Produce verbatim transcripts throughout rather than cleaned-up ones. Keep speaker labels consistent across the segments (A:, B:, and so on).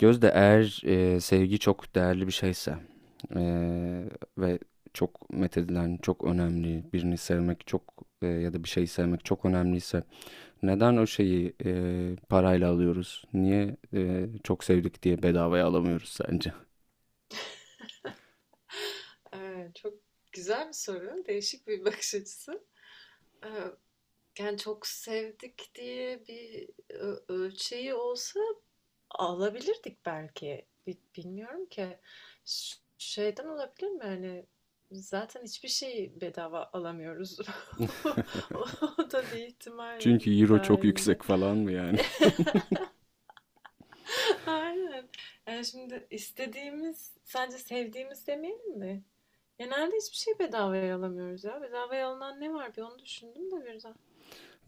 A: Gözde, eğer e, sevgi çok değerli bir şeyse, e, ve çok methedilen, çok önemli, birini sevmek çok, e, ya da bir şeyi sevmek çok önemliyse, neden o şeyi e, parayla alıyoruz? Niye e, çok sevdik diye bedavaya alamıyoruz sence?
B: Eee, çok güzel bir soru. Değişik bir bakış açısı. Eee, Yani çok sevdik diye bir ö- ölçeği olsa alabilirdik belki. Bi- Bilmiyorum ki. Ş- Şeyden olabilir mi? Yani zaten hiçbir şeyi bedava alamıyoruz. O o da bir ihtimal
A: Çünkü euro çok yüksek
B: dahilinde.
A: falan mı yani?
B: Aynen. Yani şimdi istediğimiz, sadece sevdiğimiz demeyelim mi? Genelde hiçbir şey bedavaya alamıyoruz ya. Bedavaya alınan ne var bir onu düşündüm de birden.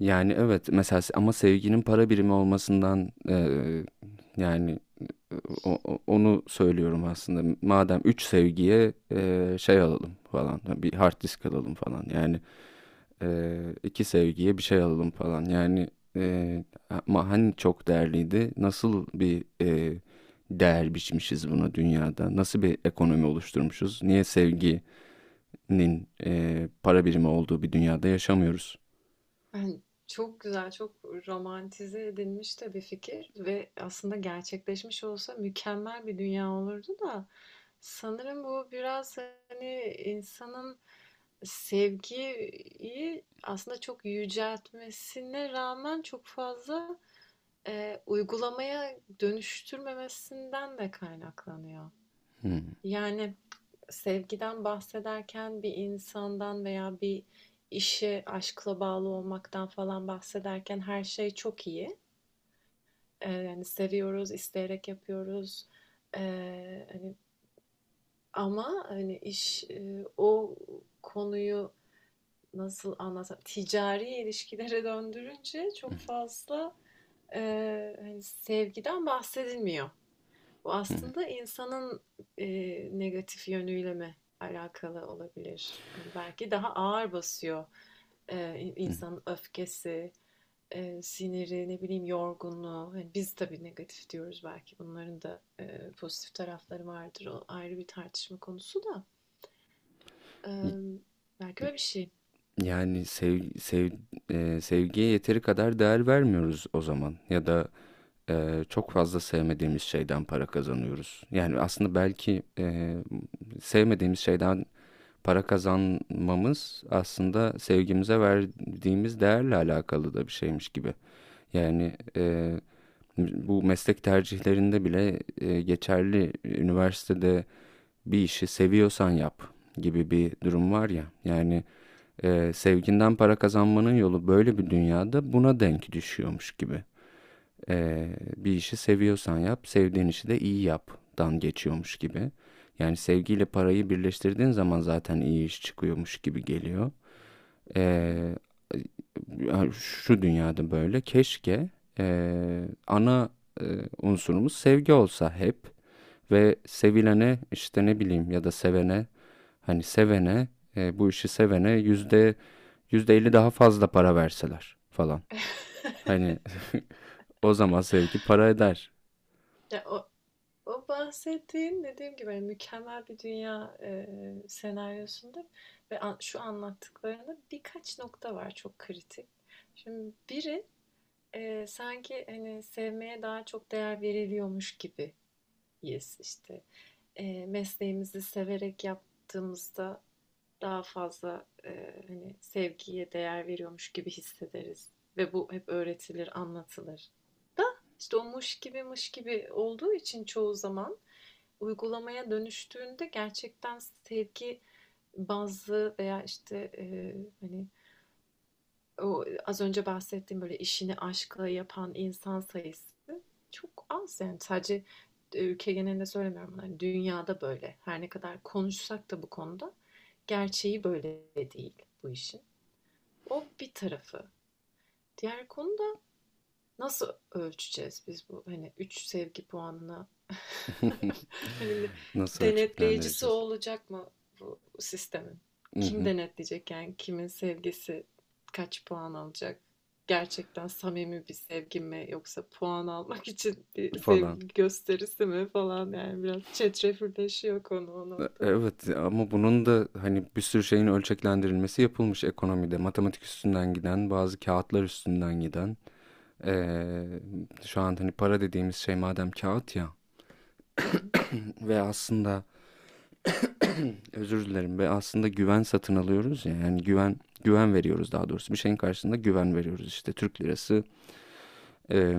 A: Yani evet, mesela se- ama sevginin para birimi olmasından, eee, yani, e, o- o- onu söylüyorum aslında. Madem üç sevgiye eee, şey alalım falan, bir hard disk alalım falan yani, eee, iki sevgiye bir şey alalım falan yani, eee, ama hani çok değerliydi, nasıl bir eee, değer biçmişiz buna, dünyada nasıl bir ekonomi oluşturmuşuz, niye sevginin eee, para birimi olduğu bir dünyada yaşamıyoruz?
B: Yani çok güzel, çok romantize edilmiş de bir fikir ve aslında gerçekleşmiş olsa mükemmel bir dünya olurdu da sanırım bu biraz hani insanın sevgiyi aslında çok yüceltmesine rağmen çok fazla e, uygulamaya dönüştürmemesinden de kaynaklanıyor.
A: Hmm,
B: Yani sevgiden bahsederken bir insandan veya bir işe aşkla bağlı olmaktan falan bahsederken her şey çok iyi. E, yani seviyoruz, isteyerek yapıyoruz. E, hani Ama hani iş e, o konuyu nasıl anlatsam ticari ilişkilere döndürünce çok fazla e, hani sevgiden bahsedilmiyor. Bu
A: hmm,
B: aslında insanın e, negatif yönüyle mi alakalı olabilir? Yani belki daha ağır basıyor e,
A: hmm.
B: insanın öfkesi, e, siniri, ne bileyim yorgunluğu. Hani biz tabii negatif diyoruz belki. Bunların da e, pozitif tarafları vardır. O ayrı bir tartışma konusu da. E, Belki öyle bir şey.
A: Yani sev, sev, e, sevgiye yeteri kadar değer vermiyoruz o zaman, ya da e, çok fazla sevmediğimiz şeyden para kazanıyoruz. Yani aslında belki e, sevmediğimiz şeyden para kazanmamız, aslında sevgimize verdiğimiz değerle alakalı da bir şeymiş gibi. Yani e, bu meslek tercihlerinde bile e, geçerli. Üniversitede, bir işi seviyorsan yap, gibi bir durum var ya. Yani ee, sevginden para kazanmanın yolu böyle bir dünyada buna denk düşüyormuş gibi. Ee, bir işi seviyorsan yap, sevdiğin işi de iyi yaptan geçiyormuş gibi. Yani sevgiyle parayı birleştirdiğin zaman zaten iyi iş çıkıyormuş gibi geliyor.
B: Hı hı.
A: Ee, Yani şu dünyada, böyle keşke e, ana e, unsurumuz sevgi olsa hep, ve sevilene, işte ne bileyim, ya da sevene, hani sevene, e, bu işi sevene yüzde %50 daha fazla para verseler falan. Hani, o zaman sevgi para eder.
B: Ya o, O bahsettiğin dediğim gibi hani mükemmel bir dünya e, senaryosunda ve an- şu anlattıklarında birkaç nokta var çok kritik. Şimdi biri e, sanki hani sevmeye daha çok değer veriliyormuş gibi yes işte e, mesleğimizi severek yaptığımızda daha fazla e, hani sevgiye değer veriyormuş gibi hissederiz ve bu hep öğretilir, anlatılır. İşte o muş gibi mış gibi olduğu için çoğu zaman uygulamaya dönüştüğünde gerçekten sevgi bazlı veya işte e, hani o az önce bahsettiğim böyle işini aşkla yapan insan sayısı çok az yani sadece e, ülke genelinde söylemiyorum bunu. Hani dünyada böyle her ne kadar konuşsak da bu konuda gerçeği böyle değil bu işin. O bir tarafı. Diğer konu, nasıl ölçeceğiz biz bu hani üç sevgi puanına? Hani
A: Nasıl
B: denetleyicisi
A: ölçeklendireceğiz?
B: olacak mı bu sistemin? Kim denetleyecek yani kimin sevgisi kaç puan alacak? Gerçekten samimi bir sevgi mi yoksa puan almak için bir
A: falan.
B: sevgi gösterisi mi falan yani biraz çetrefilleşiyor konu o noktada.
A: Evet, ama bunun da hani bir sürü şeyin ölçeklendirilmesi yapılmış ekonomide. Matematik üstünden giden, bazı kağıtlar üstünden giden. Ee, Şu an hani para dediğimiz şey, madem kağıt ya,
B: Hı
A: ve aslında, özür dilerim, ve aslında güven satın alıyoruz ya, yani güven güven veriyoruz, daha doğrusu bir şeyin karşısında güven veriyoruz, işte Türk lirası, e,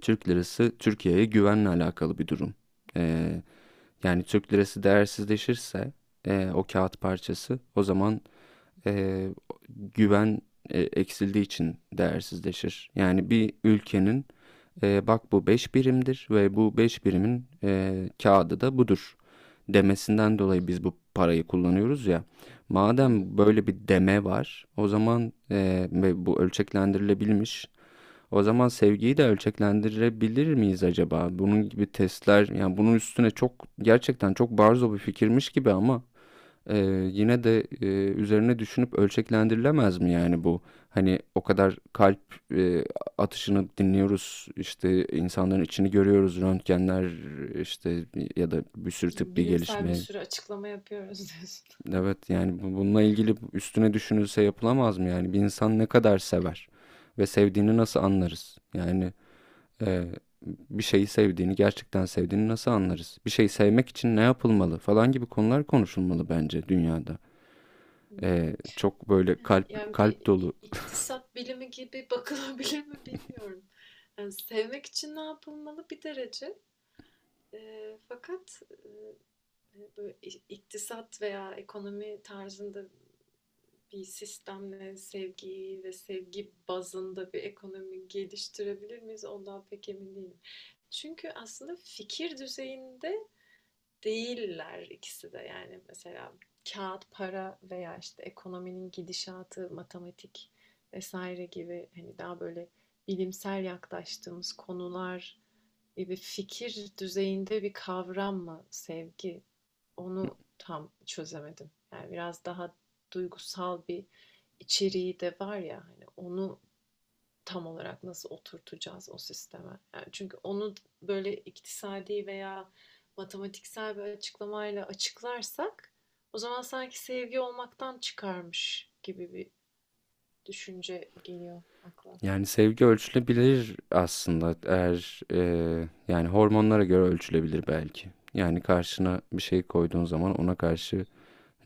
A: Türk lirası Türkiye'ye güvenle alakalı bir durum. Ee, Yani Türk lirası değersizleşirse, e, o kağıt parçası, o zaman, e, güven e, eksildiği için değersizleşir. Yani bir ülkenin, e, bak bu beş birimdir ve bu beş birimin e, kağıdı da budur, demesinden dolayı biz bu parayı kullanıyoruz ya.
B: hı.
A: Madem böyle bir deme var, o zaman, e, ve bu ölçeklendirilebilmiş, o zaman sevgiyi de ölçeklendirebilir miyiz acaba? Bunun gibi testler. Yani bunun üstüne, çok gerçekten çok barzo bir fikirmiş gibi ama, e, yine de e, üzerine düşünüp ölçeklendirilemez mi yani bu? Hani, o kadar kalp e, atışını dinliyoruz, işte insanların içini görüyoruz, röntgenler, işte, ya da bir sürü tıbbi
B: Bilimsel bir
A: gelişme.
B: sürü açıklama yapıyoruz diyorsun.
A: Evet, yani bu- bununla ilgili üstüne düşünülse yapılamaz mı yani? Bir insan ne kadar sever ve sevdiğini nasıl anlarız? Yani ee, bir şeyi sevdiğini, gerçekten sevdiğini nasıl anlarız? Bir şeyi sevmek için ne yapılmalı, falan gibi konular konuşulmalı bence dünyada. Ee, çok böyle
B: Ehe,
A: kalp
B: yani bir
A: kalp dolu.
B: i- iktisat bilimi gibi bakılabilir mi bilmiyorum. Yani sevmek için ne yapılmalı bir derece. Eee, fakat eee, e, böyle i- iktisat veya ekonomi tarzında bir sistemle sevgiyi ve sevgi bazında bir ekonomi geliştirebilir miyiz? Ondan pek emin değilim. Çünkü aslında fikir düzeyinde değiller ikisi de yani mesela kağıt para veya işte ekonominin gidişatı, matematik vesaire gibi hani daha böyle bilimsel yaklaştığımız konular gibi fikir düzeyinde bir kavram mı sevgi? Onu tam çözemedim. Yani biraz daha duygusal bir içeriği de var ya hani onu tam olarak nasıl oturtacağız o sisteme? Yani çünkü onu böyle iktisadi veya matematiksel bir açıklamayla açıklarsak o zaman sanki sevgi olmaktan çıkarmış gibi bir düşünce geliyor akla.
A: Yani sevgi ölçülebilir aslında, eğer e, yani hormonlara göre ölçülebilir belki. Yani karşına bir şey koyduğun zaman, ona karşı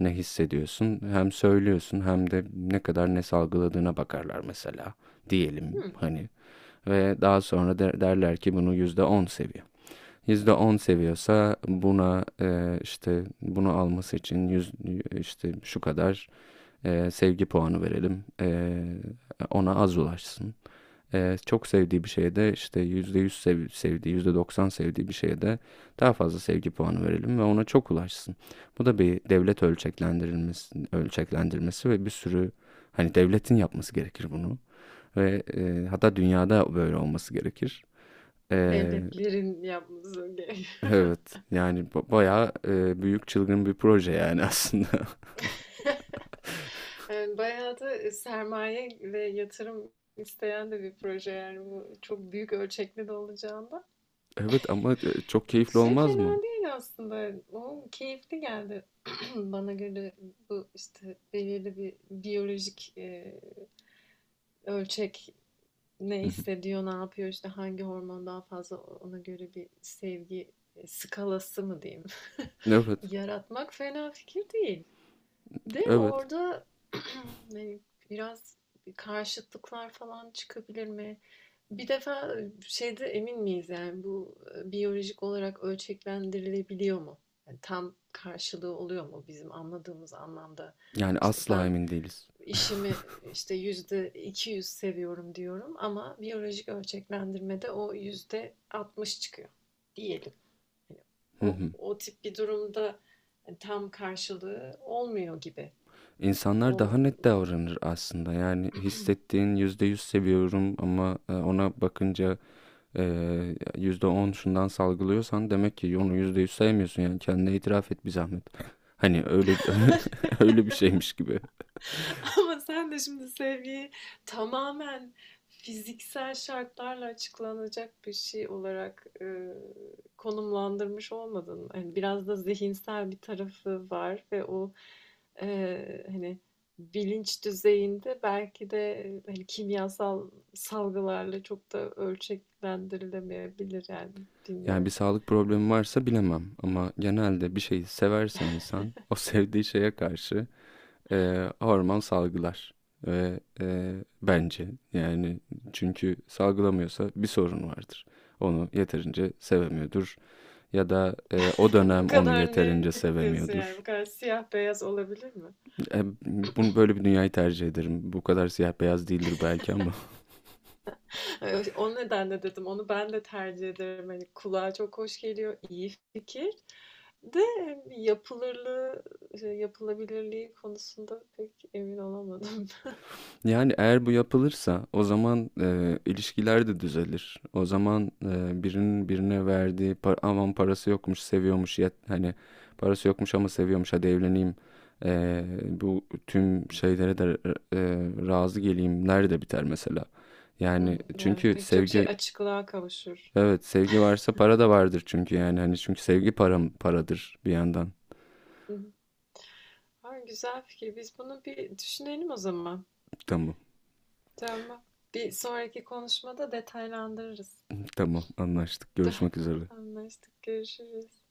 A: ne hissediyorsun hem söylüyorsun, hem de ne kadar ne salgıladığına bakarlar, mesela, diyelim
B: Hmm.
A: hani, ve daha sonra der- derler ki bunu yüzde on seviyor. Yüzde on seviyorsa buna, e, işte bunu alması için yüz, işte şu kadar e, sevgi puanı verelim. E, ona az ulaşsın. E, çok sevdiği bir şeye de, işte yüzde yüz sev, sevdiği, yüzde doksan sevdiği bir şeye de daha fazla sevgi puanı verelim ve ona çok ulaşsın. Bu da bir devlet ölçeklendirilmesi, ölçeklendirmesi, ve bir sürü, hani, devletin yapması gerekir bunu, ve e, hatta dünyada böyle olması gerekir. E,
B: Devletlerin yapması gerekiyor.
A: Evet yani, ba- bayağı e, büyük çılgın bir proje yani, aslında.
B: Yani bayağı da sermaye ve yatırım isteyen de bir proje yani bu çok büyük ölçekli de olacağında
A: Evet ama e, çok keyifli
B: şey
A: olmaz mı?
B: fena değil aslında. O keyifli geldi. Bana göre bu işte belirli bir biyolojik e, ölçek, ne
A: Hı hı.
B: hissediyor, ne yapıyor, işte hangi hormon daha fazla ona göre bir sevgi e, skalası mı diyeyim.
A: Evet,
B: Yaratmak fena fikir değil. De
A: evet.
B: orada hani biraz karşıtlıklar falan çıkabilir mi? Bir defa şeyde emin miyiz yani bu e, biyolojik olarak ölçeklendirilebiliyor mu? Yani tam karşılığı oluyor mu bizim anladığımız anlamda?
A: Yani
B: İşte
A: asla
B: ben
A: emin değiliz.
B: işimi işte yüzde iki yüz seviyorum diyorum ama biyolojik ölçeklendirmede o yüzde altmış çıkıyor diyelim. Hani
A: Hı
B: o,
A: hı.
B: o tip bir durumda hani tam karşılığı olmuyor gibi. O...
A: İnsanlar daha net davranır aslında. Yani hissettiğin yüzde yüz seviyorum, ama e, ona bakınca, e, yüzde on şundan salgılıyorsan, demek ki onu yüzde yüz sevmiyorsun. Yani kendine itiraf et bir zahmet. Hani öyle, öyle bir şeymiş gibi.
B: Ama sen de şimdi sevgiyi tamamen fiziksel şartlarla açıklanacak bir şey olarak e, konumlandırmış olmadın. Yani biraz da zihinsel bir tarafı var ve o e, hani bilinç düzeyinde belki de e, hani kimyasal salgılarla çok da ölçeklendirilemeyebilir yani
A: Yani bir
B: bilmiyorum.
A: sağlık problemi varsa bilemem, ama genelde bir şeyi severse insan o, sevdiği şeye karşı eee, hormon salgılar ve, eee, bence yani, çünkü salgılamıyorsa bir sorun vardır. Onu yeterince sevemiyordur, ya da eee, o
B: Bu
A: dönem onu
B: kadar
A: yeterince
B: net diyorsun yani
A: sevemiyordur.
B: bu kadar siyah beyaz olabilir mi?
A: E, bunu böyle, bir dünyayı tercih ederim. Bu kadar siyah beyaz değildir belki ama.
B: Evet, o nedenle dedim onu ben de tercih ederim. Hani kulağa çok hoş geliyor, iyi fikir. De yapılırlığı, şey, yapılabilirliği konusunda pek emin olamadım.
A: Yani eğer bu yapılırsa, o zaman e, ilişkiler de düzelir. O zaman e, birinin birine verdiği, par aman, parası yokmuş seviyormuş, yet hani parası yokmuş ama seviyormuş, hadi evleneyim. E, bu tüm şeylere de e, razı geleyimler de biter mesela. Yani
B: Evet,
A: çünkü
B: pek çok şey
A: sevgi,
B: açıklığa kavuşur.
A: evet, sevgi varsa para da vardır çünkü, yani hani, çünkü sevgi param paradır bir yandan.
B: Hı hı. Ha, güzel fikir. Biz bunu bir düşünelim o zaman.
A: Tamam
B: Tamam. Bir sonraki konuşmada detaylandırırız.
A: tamam anlaştık, görüşmek üzere.
B: Anlaştık. Görüşürüz.